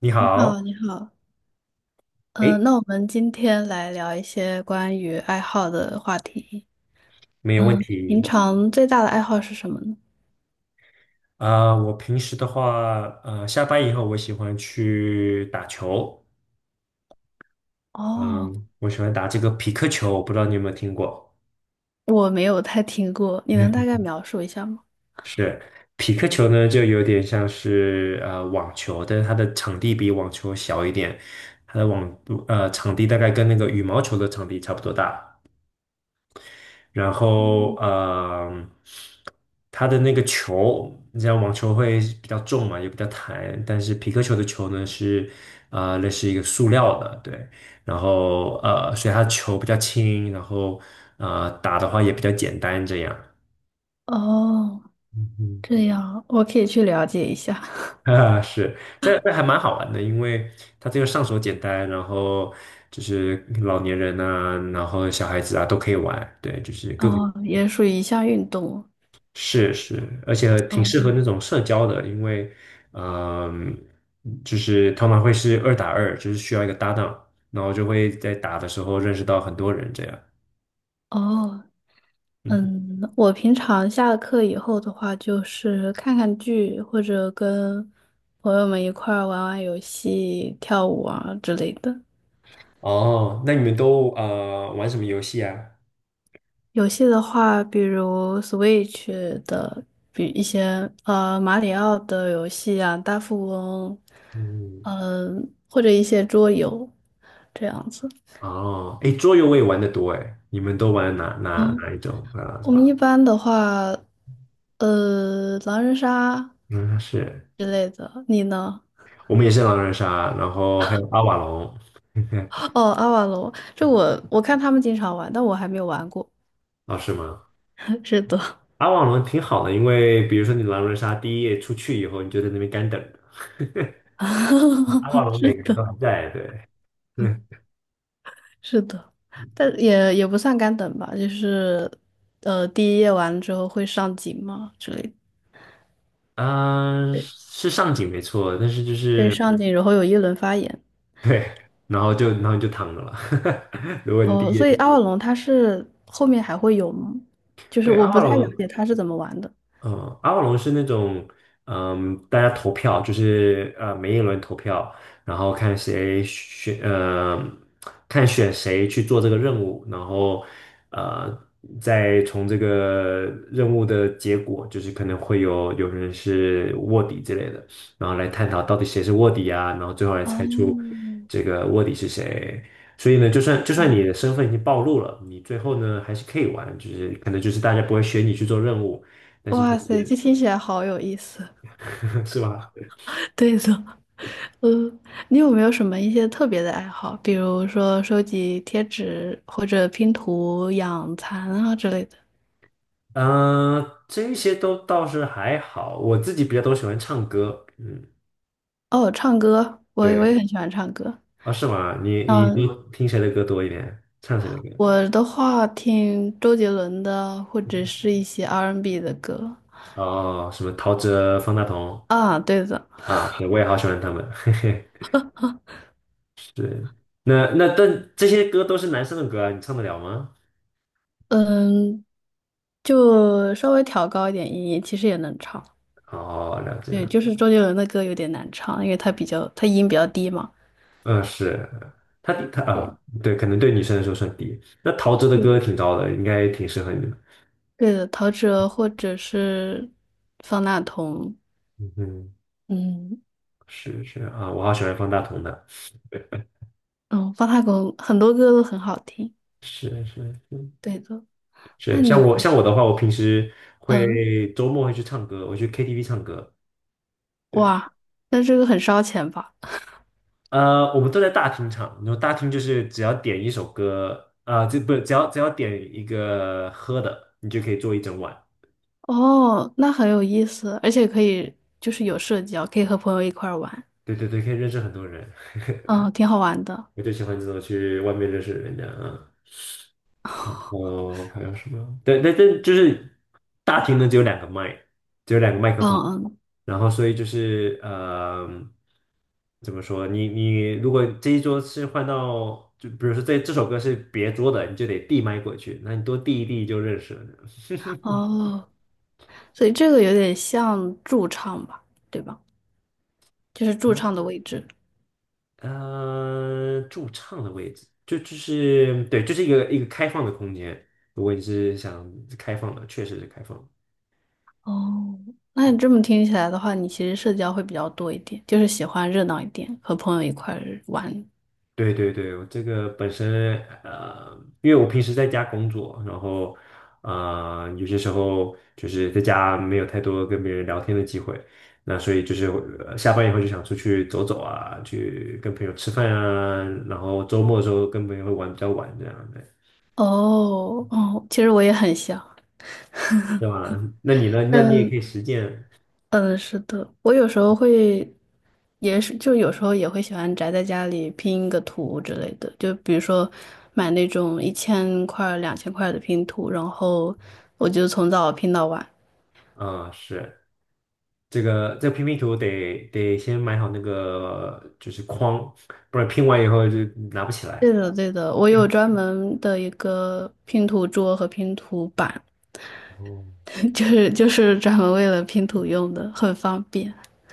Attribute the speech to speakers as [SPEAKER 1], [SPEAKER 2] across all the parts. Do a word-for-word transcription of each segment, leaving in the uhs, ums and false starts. [SPEAKER 1] 你好。
[SPEAKER 2] 好，你好，嗯，
[SPEAKER 1] 诶，
[SPEAKER 2] 那我们今天来聊一些关于爱好的话题。
[SPEAKER 1] 没有问
[SPEAKER 2] 嗯，平
[SPEAKER 1] 题。
[SPEAKER 2] 常最大的爱好是什么呢？
[SPEAKER 1] 啊、我平时的话，呃，下班以后我喜欢去打球。
[SPEAKER 2] 哦，
[SPEAKER 1] 嗯、我喜欢打这个匹克球，我不知道你有没有听过。
[SPEAKER 2] 我没有太听过，你能大概 描述一下吗？
[SPEAKER 1] 是匹克球呢，就有点像是呃网球，但是它的场地比网球小一点，它的网呃场地大概跟那个羽毛球的场地差不多大。然后
[SPEAKER 2] 嗯
[SPEAKER 1] 呃，它的那个球，你知道网球会比较重嘛，也比较弹，但是皮克球的球呢是呃类似一个塑料的，对，然后呃，所以它球比较轻，然后呃打的话也比较简单这样。
[SPEAKER 2] 哦，
[SPEAKER 1] 嗯。
[SPEAKER 2] 这 样，我可以去了解一下。
[SPEAKER 1] 啊，是，这这还蛮好玩的，因为它这个上手简单，然后就是老年人啊，然后小孩子啊都可以玩，对，就是各个。
[SPEAKER 2] 哦，也属于一项运动。
[SPEAKER 1] 是是，而且挺适合
[SPEAKER 2] 哦
[SPEAKER 1] 那种社交的，因为，嗯、就是他们会是二打二，就是需要一个搭档，然后就会在打的时候认识到很多人这样。
[SPEAKER 2] 哦，
[SPEAKER 1] 嗯哼。
[SPEAKER 2] 嗯，我平常下了课以后的话，就是看看剧，或者跟朋友们一块儿玩玩游戏、跳舞啊之类的。
[SPEAKER 1] 哦，那你们都呃玩什么游戏啊？
[SPEAKER 2] 游戏的话，比如 Switch 的，比一些呃马里奥的游戏啊，大富翁，
[SPEAKER 1] 嗯。
[SPEAKER 2] 嗯、或者一些桌游这样子。
[SPEAKER 1] 哦，哎，桌游我也玩的多哎，你们都玩哪哪
[SPEAKER 2] 哦，
[SPEAKER 1] 哪一种啊？什
[SPEAKER 2] 我
[SPEAKER 1] 么？
[SPEAKER 2] 们一般的话，呃，狼人杀
[SPEAKER 1] 嗯，是。
[SPEAKER 2] 之类的，你呢？
[SPEAKER 1] 我们也是狼人杀，然后还有阿瓦隆。
[SPEAKER 2] 哦，阿瓦罗，这我我看他们经常玩，但我还没有玩过。
[SPEAKER 1] 哦，是吗？
[SPEAKER 2] 是的，
[SPEAKER 1] 阿瓦龙挺好的，因为比如说你狼人杀第一夜出去以后，你就在那边干等着。阿瓦 龙
[SPEAKER 2] 是
[SPEAKER 1] 每个人
[SPEAKER 2] 的。
[SPEAKER 1] 都还在，对。 对，
[SPEAKER 2] 是的，但也也不算干等吧，就是呃，第一页完了之后会上警嘛之类的，
[SPEAKER 1] 啊，
[SPEAKER 2] 对
[SPEAKER 1] 是上井没错，但是就
[SPEAKER 2] 对，嗯
[SPEAKER 1] 是
[SPEAKER 2] 上警，然后有一轮发言。
[SPEAKER 1] 对，然后就然后你就躺着了。如果你第一
[SPEAKER 2] 哦，
[SPEAKER 1] 夜
[SPEAKER 2] 所
[SPEAKER 1] 就
[SPEAKER 2] 以阿瓦隆他是后面还会有吗？就是
[SPEAKER 1] 对。
[SPEAKER 2] 我
[SPEAKER 1] 阿
[SPEAKER 2] 不
[SPEAKER 1] 瓦
[SPEAKER 2] 太了
[SPEAKER 1] 隆
[SPEAKER 2] 解他是怎么玩的。
[SPEAKER 1] 嗯，阿瓦隆是那种，嗯，大家投票，就是呃，每一轮投票，然后看谁选，呃，看选谁去做这个任务，然后呃，再从这个任务的结果，就是可能会有有人是卧底之类的，然后来探讨到底谁是卧底啊，然后最后来猜出
[SPEAKER 2] 哦，
[SPEAKER 1] 这个卧底是谁。所以呢，就算就算你的身份已经暴露了，你最后呢还是可以玩，就是可能就是大家不会选你去做任务。但是就
[SPEAKER 2] 哇塞，这
[SPEAKER 1] 是
[SPEAKER 2] 听起来好有意思。
[SPEAKER 1] 是吧？
[SPEAKER 2] 对的，嗯，你有没有什么一些特别的爱好，比如说收集贴纸或者拼图、养蚕啊之类的？
[SPEAKER 1] 嗯、呃这些都倒是还好，我自己比较都喜欢唱歌，嗯，
[SPEAKER 2] 哦，唱歌，我我也
[SPEAKER 1] 对。
[SPEAKER 2] 很喜欢唱歌。
[SPEAKER 1] 啊，是吗？你你
[SPEAKER 2] 嗯，
[SPEAKER 1] 都听谁的歌多一点？唱谁的歌？
[SPEAKER 2] 我的话听周杰伦的，或者是一些 R and B n 的歌
[SPEAKER 1] 哦，什么陶喆、方大同。
[SPEAKER 2] 啊，对的，
[SPEAKER 1] 啊，是我也好喜欢他们。嘿嘿，是。那那但这些歌都是男生的歌啊，你唱得了吗？
[SPEAKER 2] 嗯，就稍微调高一点音域，其实也能唱。
[SPEAKER 1] 哦，了解
[SPEAKER 2] 对，
[SPEAKER 1] 了，
[SPEAKER 2] 就是周杰伦的歌有点难唱，因为他比较他音比较低嘛。
[SPEAKER 1] 嗯，是。他他
[SPEAKER 2] 对，
[SPEAKER 1] 啊，对，可能对女生来说算低。那陶喆的
[SPEAKER 2] 是
[SPEAKER 1] 歌
[SPEAKER 2] 的
[SPEAKER 1] 挺高的，应该挺适合你的。
[SPEAKER 2] 对的，陶喆或者是方大同，
[SPEAKER 1] 嗯，
[SPEAKER 2] 嗯
[SPEAKER 1] 是是啊，我好喜欢方大同的，
[SPEAKER 2] 嗯，方大同很多歌都很好听。
[SPEAKER 1] 是是是。
[SPEAKER 2] 对的，那
[SPEAKER 1] 是，像
[SPEAKER 2] 你
[SPEAKER 1] 我像我的话，我平时
[SPEAKER 2] 嗯
[SPEAKER 1] 会周末会去唱歌，我去 K T V 唱歌。对，
[SPEAKER 2] 哇，那这个很烧钱吧？
[SPEAKER 1] 呃，我们都在大厅唱，然后大厅就是只要点一首歌，啊、这不只要只要点一个喝的，你就可以坐一整晚。
[SPEAKER 2] 哦，那很有意思，而且可以就是有社交，可以和朋友一块儿玩，
[SPEAKER 1] 对对对，可以认识很多人，
[SPEAKER 2] 嗯，挺好玩的。
[SPEAKER 1] 我就喜欢这种去外面认识人的。啊。我还有什么？对，那这就是大厅呢，只有两个麦，
[SPEAKER 2] 嗯嗯，
[SPEAKER 1] 然后所以就是呃，怎么说？你你如果这一桌是换到，就比如说这这首歌是别桌的，你就得递麦过去，那你多递一递就认识了。
[SPEAKER 2] 哦，所以这个有点像驻唱吧，对吧？就是驻唱的位置。
[SPEAKER 1] 呃，驻唱的位置，就就是对，就是一个一个开放的空间。如果你是想开放的，确实是开放的。
[SPEAKER 2] 哦，那你这么听起来的话，你其实社交会比较多一点，就是喜欢热闹一点，和朋友一块儿玩。
[SPEAKER 1] 对对对，我这个本身呃，因为我平时在家工作，然后呃，有些时候就是在家没有太多跟别人聊天的机会，那所以就是呃下班以后就想出去走走啊，去跟朋友吃饭啊，然后周末的时候跟朋友会玩比较晚这样的，
[SPEAKER 2] 哦哦，其实我也很像。
[SPEAKER 1] 对吧？那你呢？那你也可以实践。
[SPEAKER 2] 嗯，是的，我有时候会，也是就有时候也会喜欢宅在家里拼一个图之类的，就比如说买那种一千块两千块的拼图，然后我就从早拼到晚。
[SPEAKER 1] 啊，是。这个这个拼拼图得得先买好那个就是框，不然拼完以后就拿不起
[SPEAKER 2] 对
[SPEAKER 1] 来。
[SPEAKER 2] 的，对的，我
[SPEAKER 1] 对。
[SPEAKER 2] 有专门的一个拼图桌和拼图板，
[SPEAKER 1] 哦，
[SPEAKER 2] 就是就是专门为了拼图用的，很方便。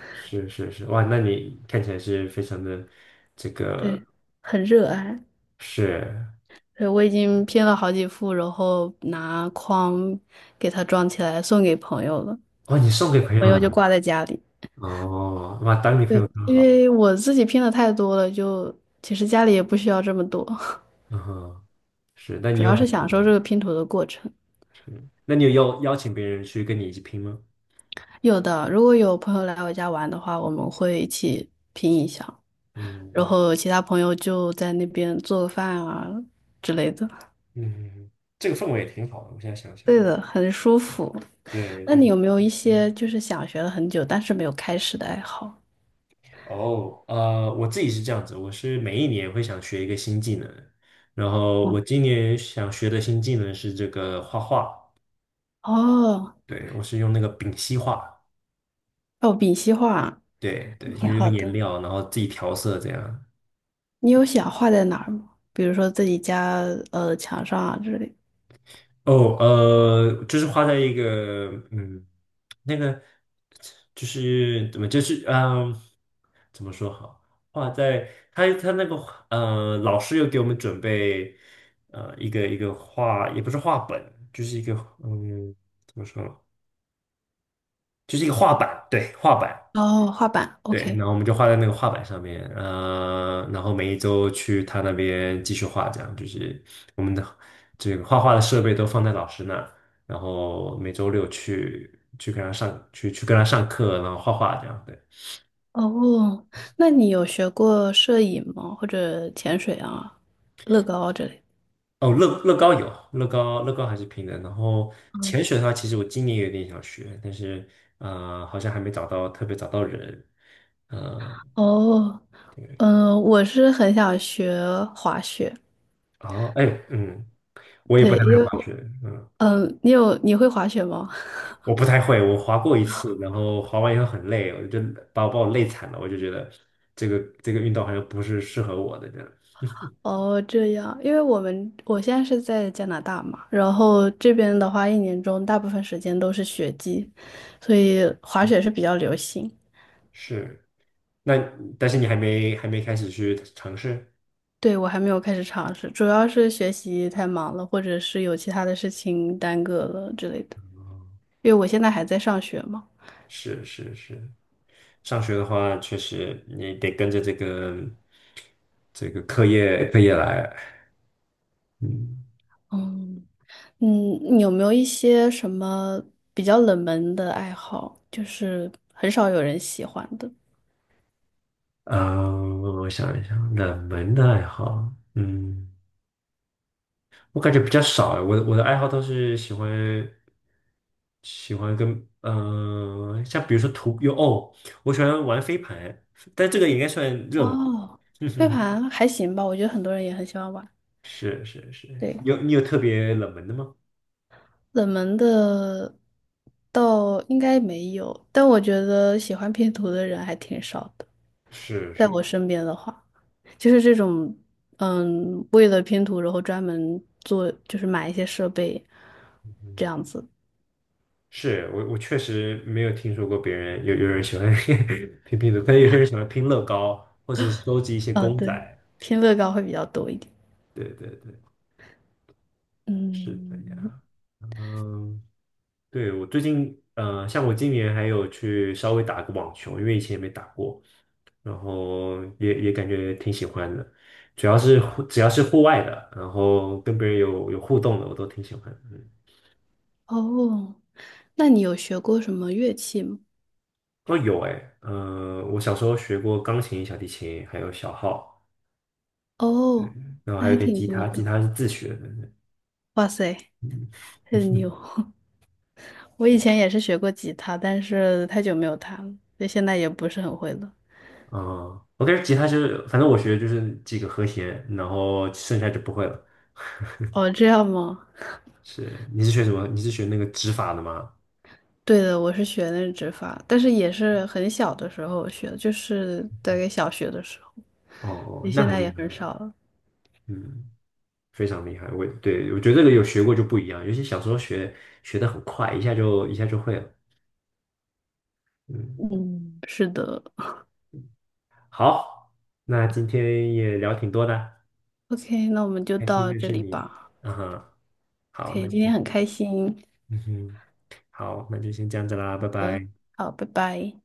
[SPEAKER 1] 是是是，哇，那你看起来是非常的这个。
[SPEAKER 2] 对，很热爱。
[SPEAKER 1] 是，
[SPEAKER 2] 对，我已经拼了好几副，然后拿框给它装起来送给朋友了。
[SPEAKER 1] 哦，你送给朋
[SPEAKER 2] 朋
[SPEAKER 1] 友的
[SPEAKER 2] 友就
[SPEAKER 1] 啊。
[SPEAKER 2] 挂在家里。
[SPEAKER 1] 哦，哇，当你朋友
[SPEAKER 2] 对，
[SPEAKER 1] 真
[SPEAKER 2] 因
[SPEAKER 1] 好，
[SPEAKER 2] 为我自己拼的太多了，就其实家里也不需要这么多，
[SPEAKER 1] 嗯哼。是，那你
[SPEAKER 2] 主
[SPEAKER 1] 有
[SPEAKER 2] 要
[SPEAKER 1] 很
[SPEAKER 2] 是
[SPEAKER 1] 多
[SPEAKER 2] 享受这
[SPEAKER 1] 的。
[SPEAKER 2] 个拼图的过程。
[SPEAKER 1] 那你有邀邀请别人去跟你一起拼吗？
[SPEAKER 2] 有的，如果有朋友来我家玩的话，我们会一起拼一下，
[SPEAKER 1] 嗯
[SPEAKER 2] 然
[SPEAKER 1] 嗯，
[SPEAKER 2] 后其他朋友就在那边做个饭啊之类的。
[SPEAKER 1] 嗯嗯嗯。这个氛围也挺好的，我现在想想，
[SPEAKER 2] 对的，很舒服。
[SPEAKER 1] 对，
[SPEAKER 2] 那
[SPEAKER 1] 就
[SPEAKER 2] 你
[SPEAKER 1] 很。
[SPEAKER 2] 有没有一些就是想学了很久但是没有开始的爱好？
[SPEAKER 1] 哦，呃，我自己是这样子，我是每一年会想学一个新技能，然后我今年想学的新技能是这个画画。
[SPEAKER 2] 哦，
[SPEAKER 1] 对，我是用那个丙烯画。
[SPEAKER 2] 哦，丙烯画，
[SPEAKER 1] 对对，就
[SPEAKER 2] 挺好
[SPEAKER 1] 用颜
[SPEAKER 2] 的。
[SPEAKER 1] 料，然后自己调色这样。
[SPEAKER 2] 你有想画在哪儿吗？比如说自己家呃墙上啊之类的。
[SPEAKER 1] 哦，呃，就是画在一个，嗯，那个就是怎么，就是嗯，怎么说好？画在他他那个呃，老师又给我们准备呃一个一个画，也不是画本，就是一个嗯，怎么说呢？就是一个画板，对，画板。
[SPEAKER 2] 哦，画板
[SPEAKER 1] 对，然
[SPEAKER 2] ，OK。
[SPEAKER 1] 后我们就画在那个画板上面，呃，然后每一周去他那边继续画，这样就是我们的这个画画的设备都放在老师那儿，然后每周六去去跟他上去去跟他上课，然后画画这样。对，
[SPEAKER 2] 哦，那你有学过摄影吗？或者潜水啊、乐高之类的
[SPEAKER 1] 哦，乐乐高有。乐高，乐高还是平的。然后
[SPEAKER 2] 嗯。
[SPEAKER 1] 潜水的话，其实我今年有点想学，但是呃，好像还没找到特别找到人，呃，
[SPEAKER 2] 哦，嗯，我是很想学滑雪。
[SPEAKER 1] 然后哎，嗯，我也不
[SPEAKER 2] 对，
[SPEAKER 1] 太会
[SPEAKER 2] 因为
[SPEAKER 1] 滑雪，
[SPEAKER 2] 我，
[SPEAKER 1] 嗯。
[SPEAKER 2] 嗯，你有你会滑雪吗？
[SPEAKER 1] 我不太会，我滑过一次，然后滑完以后很累，我就把我把我累惨了，我就觉得这个这个运动好像不是适合我的这样。
[SPEAKER 2] 哦，这样，因为我们我现在是在加拿大嘛，然后这边的话，一年中大部分时间都是雪季，所以滑雪是比较流行。
[SPEAKER 1] 是，那但是你还没还没开始去尝试。
[SPEAKER 2] 对，我还没有开始尝试，主要是学习太忙了，或者是有其他的事情耽搁了之类的。因为我现在还在上学嘛。
[SPEAKER 1] 是是是。上学的话，确实你得跟着这个这个课业课业来。嗯，
[SPEAKER 2] 嗯，嗯，你有没有一些什么比较冷门的爱好，就是很少有人喜欢的？
[SPEAKER 1] 啊、我想一想，冷门的爱好，嗯。我感觉比较少哎，我的我的爱好都是喜欢喜欢跟嗯、呃像比如说徒有哦，我喜欢玩飞盘，但这个也应该算热门。
[SPEAKER 2] 哦，飞 盘还行吧，我觉得很多人也很喜欢玩。
[SPEAKER 1] 是是是。
[SPEAKER 2] 对，
[SPEAKER 1] 有，你有特别冷门的吗？
[SPEAKER 2] 冷门的倒应该没有，但我觉得喜欢拼图的人还挺少的，
[SPEAKER 1] 是
[SPEAKER 2] 在
[SPEAKER 1] 是，
[SPEAKER 2] 我身边的话。就是这种，嗯，为了拼图，然后专门做，就是买一些设备，这
[SPEAKER 1] 嗯，
[SPEAKER 2] 样子。
[SPEAKER 1] 是我我确实没有听说过别人有有人喜欢 拼拼图，可能有些人喜欢拼乐高，或者收集一些
[SPEAKER 2] 呃，
[SPEAKER 1] 公仔。
[SPEAKER 2] 对，拼乐高会比较多一点。
[SPEAKER 1] 对对对，是的
[SPEAKER 2] 嗯，
[SPEAKER 1] 呀，嗯。对，我最近，呃，像我今年还有去稍微打个网球，因为以前也没打过，然后也也感觉挺喜欢的，主要是户只要是户外的，然后跟别人有有互动的，我都挺喜欢的。嗯，
[SPEAKER 2] 哦，那你有学过什么乐器吗？
[SPEAKER 1] 哦，有哎，呃，我小时候学过钢琴、小提琴，还有小号，
[SPEAKER 2] 哦，
[SPEAKER 1] 然后
[SPEAKER 2] 那
[SPEAKER 1] 还有
[SPEAKER 2] 还
[SPEAKER 1] 点
[SPEAKER 2] 挺
[SPEAKER 1] 吉
[SPEAKER 2] 多
[SPEAKER 1] 他，吉
[SPEAKER 2] 的。
[SPEAKER 1] 他是自学的。
[SPEAKER 2] 哇塞，
[SPEAKER 1] 嗯，
[SPEAKER 2] 很牛！我以前也是学过吉他，但是太久没有弹了，所以现在也不是很会了。
[SPEAKER 1] 哦，o k 吉他就是反正我学的就是几个和弦，然后剩下就不会了。
[SPEAKER 2] 哦，这样吗？
[SPEAKER 1] 是，你是学什么？你是学那个指法的吗？
[SPEAKER 2] 对的，我是学那指法，但是也是很小的时候学的，就是大概小学的时候。
[SPEAKER 1] 哦，
[SPEAKER 2] 你
[SPEAKER 1] 那
[SPEAKER 2] 现
[SPEAKER 1] 很
[SPEAKER 2] 在也
[SPEAKER 1] 厉
[SPEAKER 2] 很
[SPEAKER 1] 害。
[SPEAKER 2] 少了。
[SPEAKER 1] 嗯，非常厉害。我对我觉得这个有学过就不一样，尤其小时候学学的很快，一下就一下就会了。嗯，
[SPEAKER 2] 嗯，是的
[SPEAKER 1] 好，那今天也聊挺多的，
[SPEAKER 2] ，OK，那我们就
[SPEAKER 1] 开心
[SPEAKER 2] 到
[SPEAKER 1] 认
[SPEAKER 2] 这
[SPEAKER 1] 识
[SPEAKER 2] 里
[SPEAKER 1] 你。
[SPEAKER 2] 吧。
[SPEAKER 1] 嗯哼，好，那
[SPEAKER 2] OK，
[SPEAKER 1] 就
[SPEAKER 2] 今天
[SPEAKER 1] 先
[SPEAKER 2] 很
[SPEAKER 1] 这样。
[SPEAKER 2] 开心，
[SPEAKER 1] 嗯哼，好，那就先这样子啦，拜拜。
[SPEAKER 2] 好，拜拜。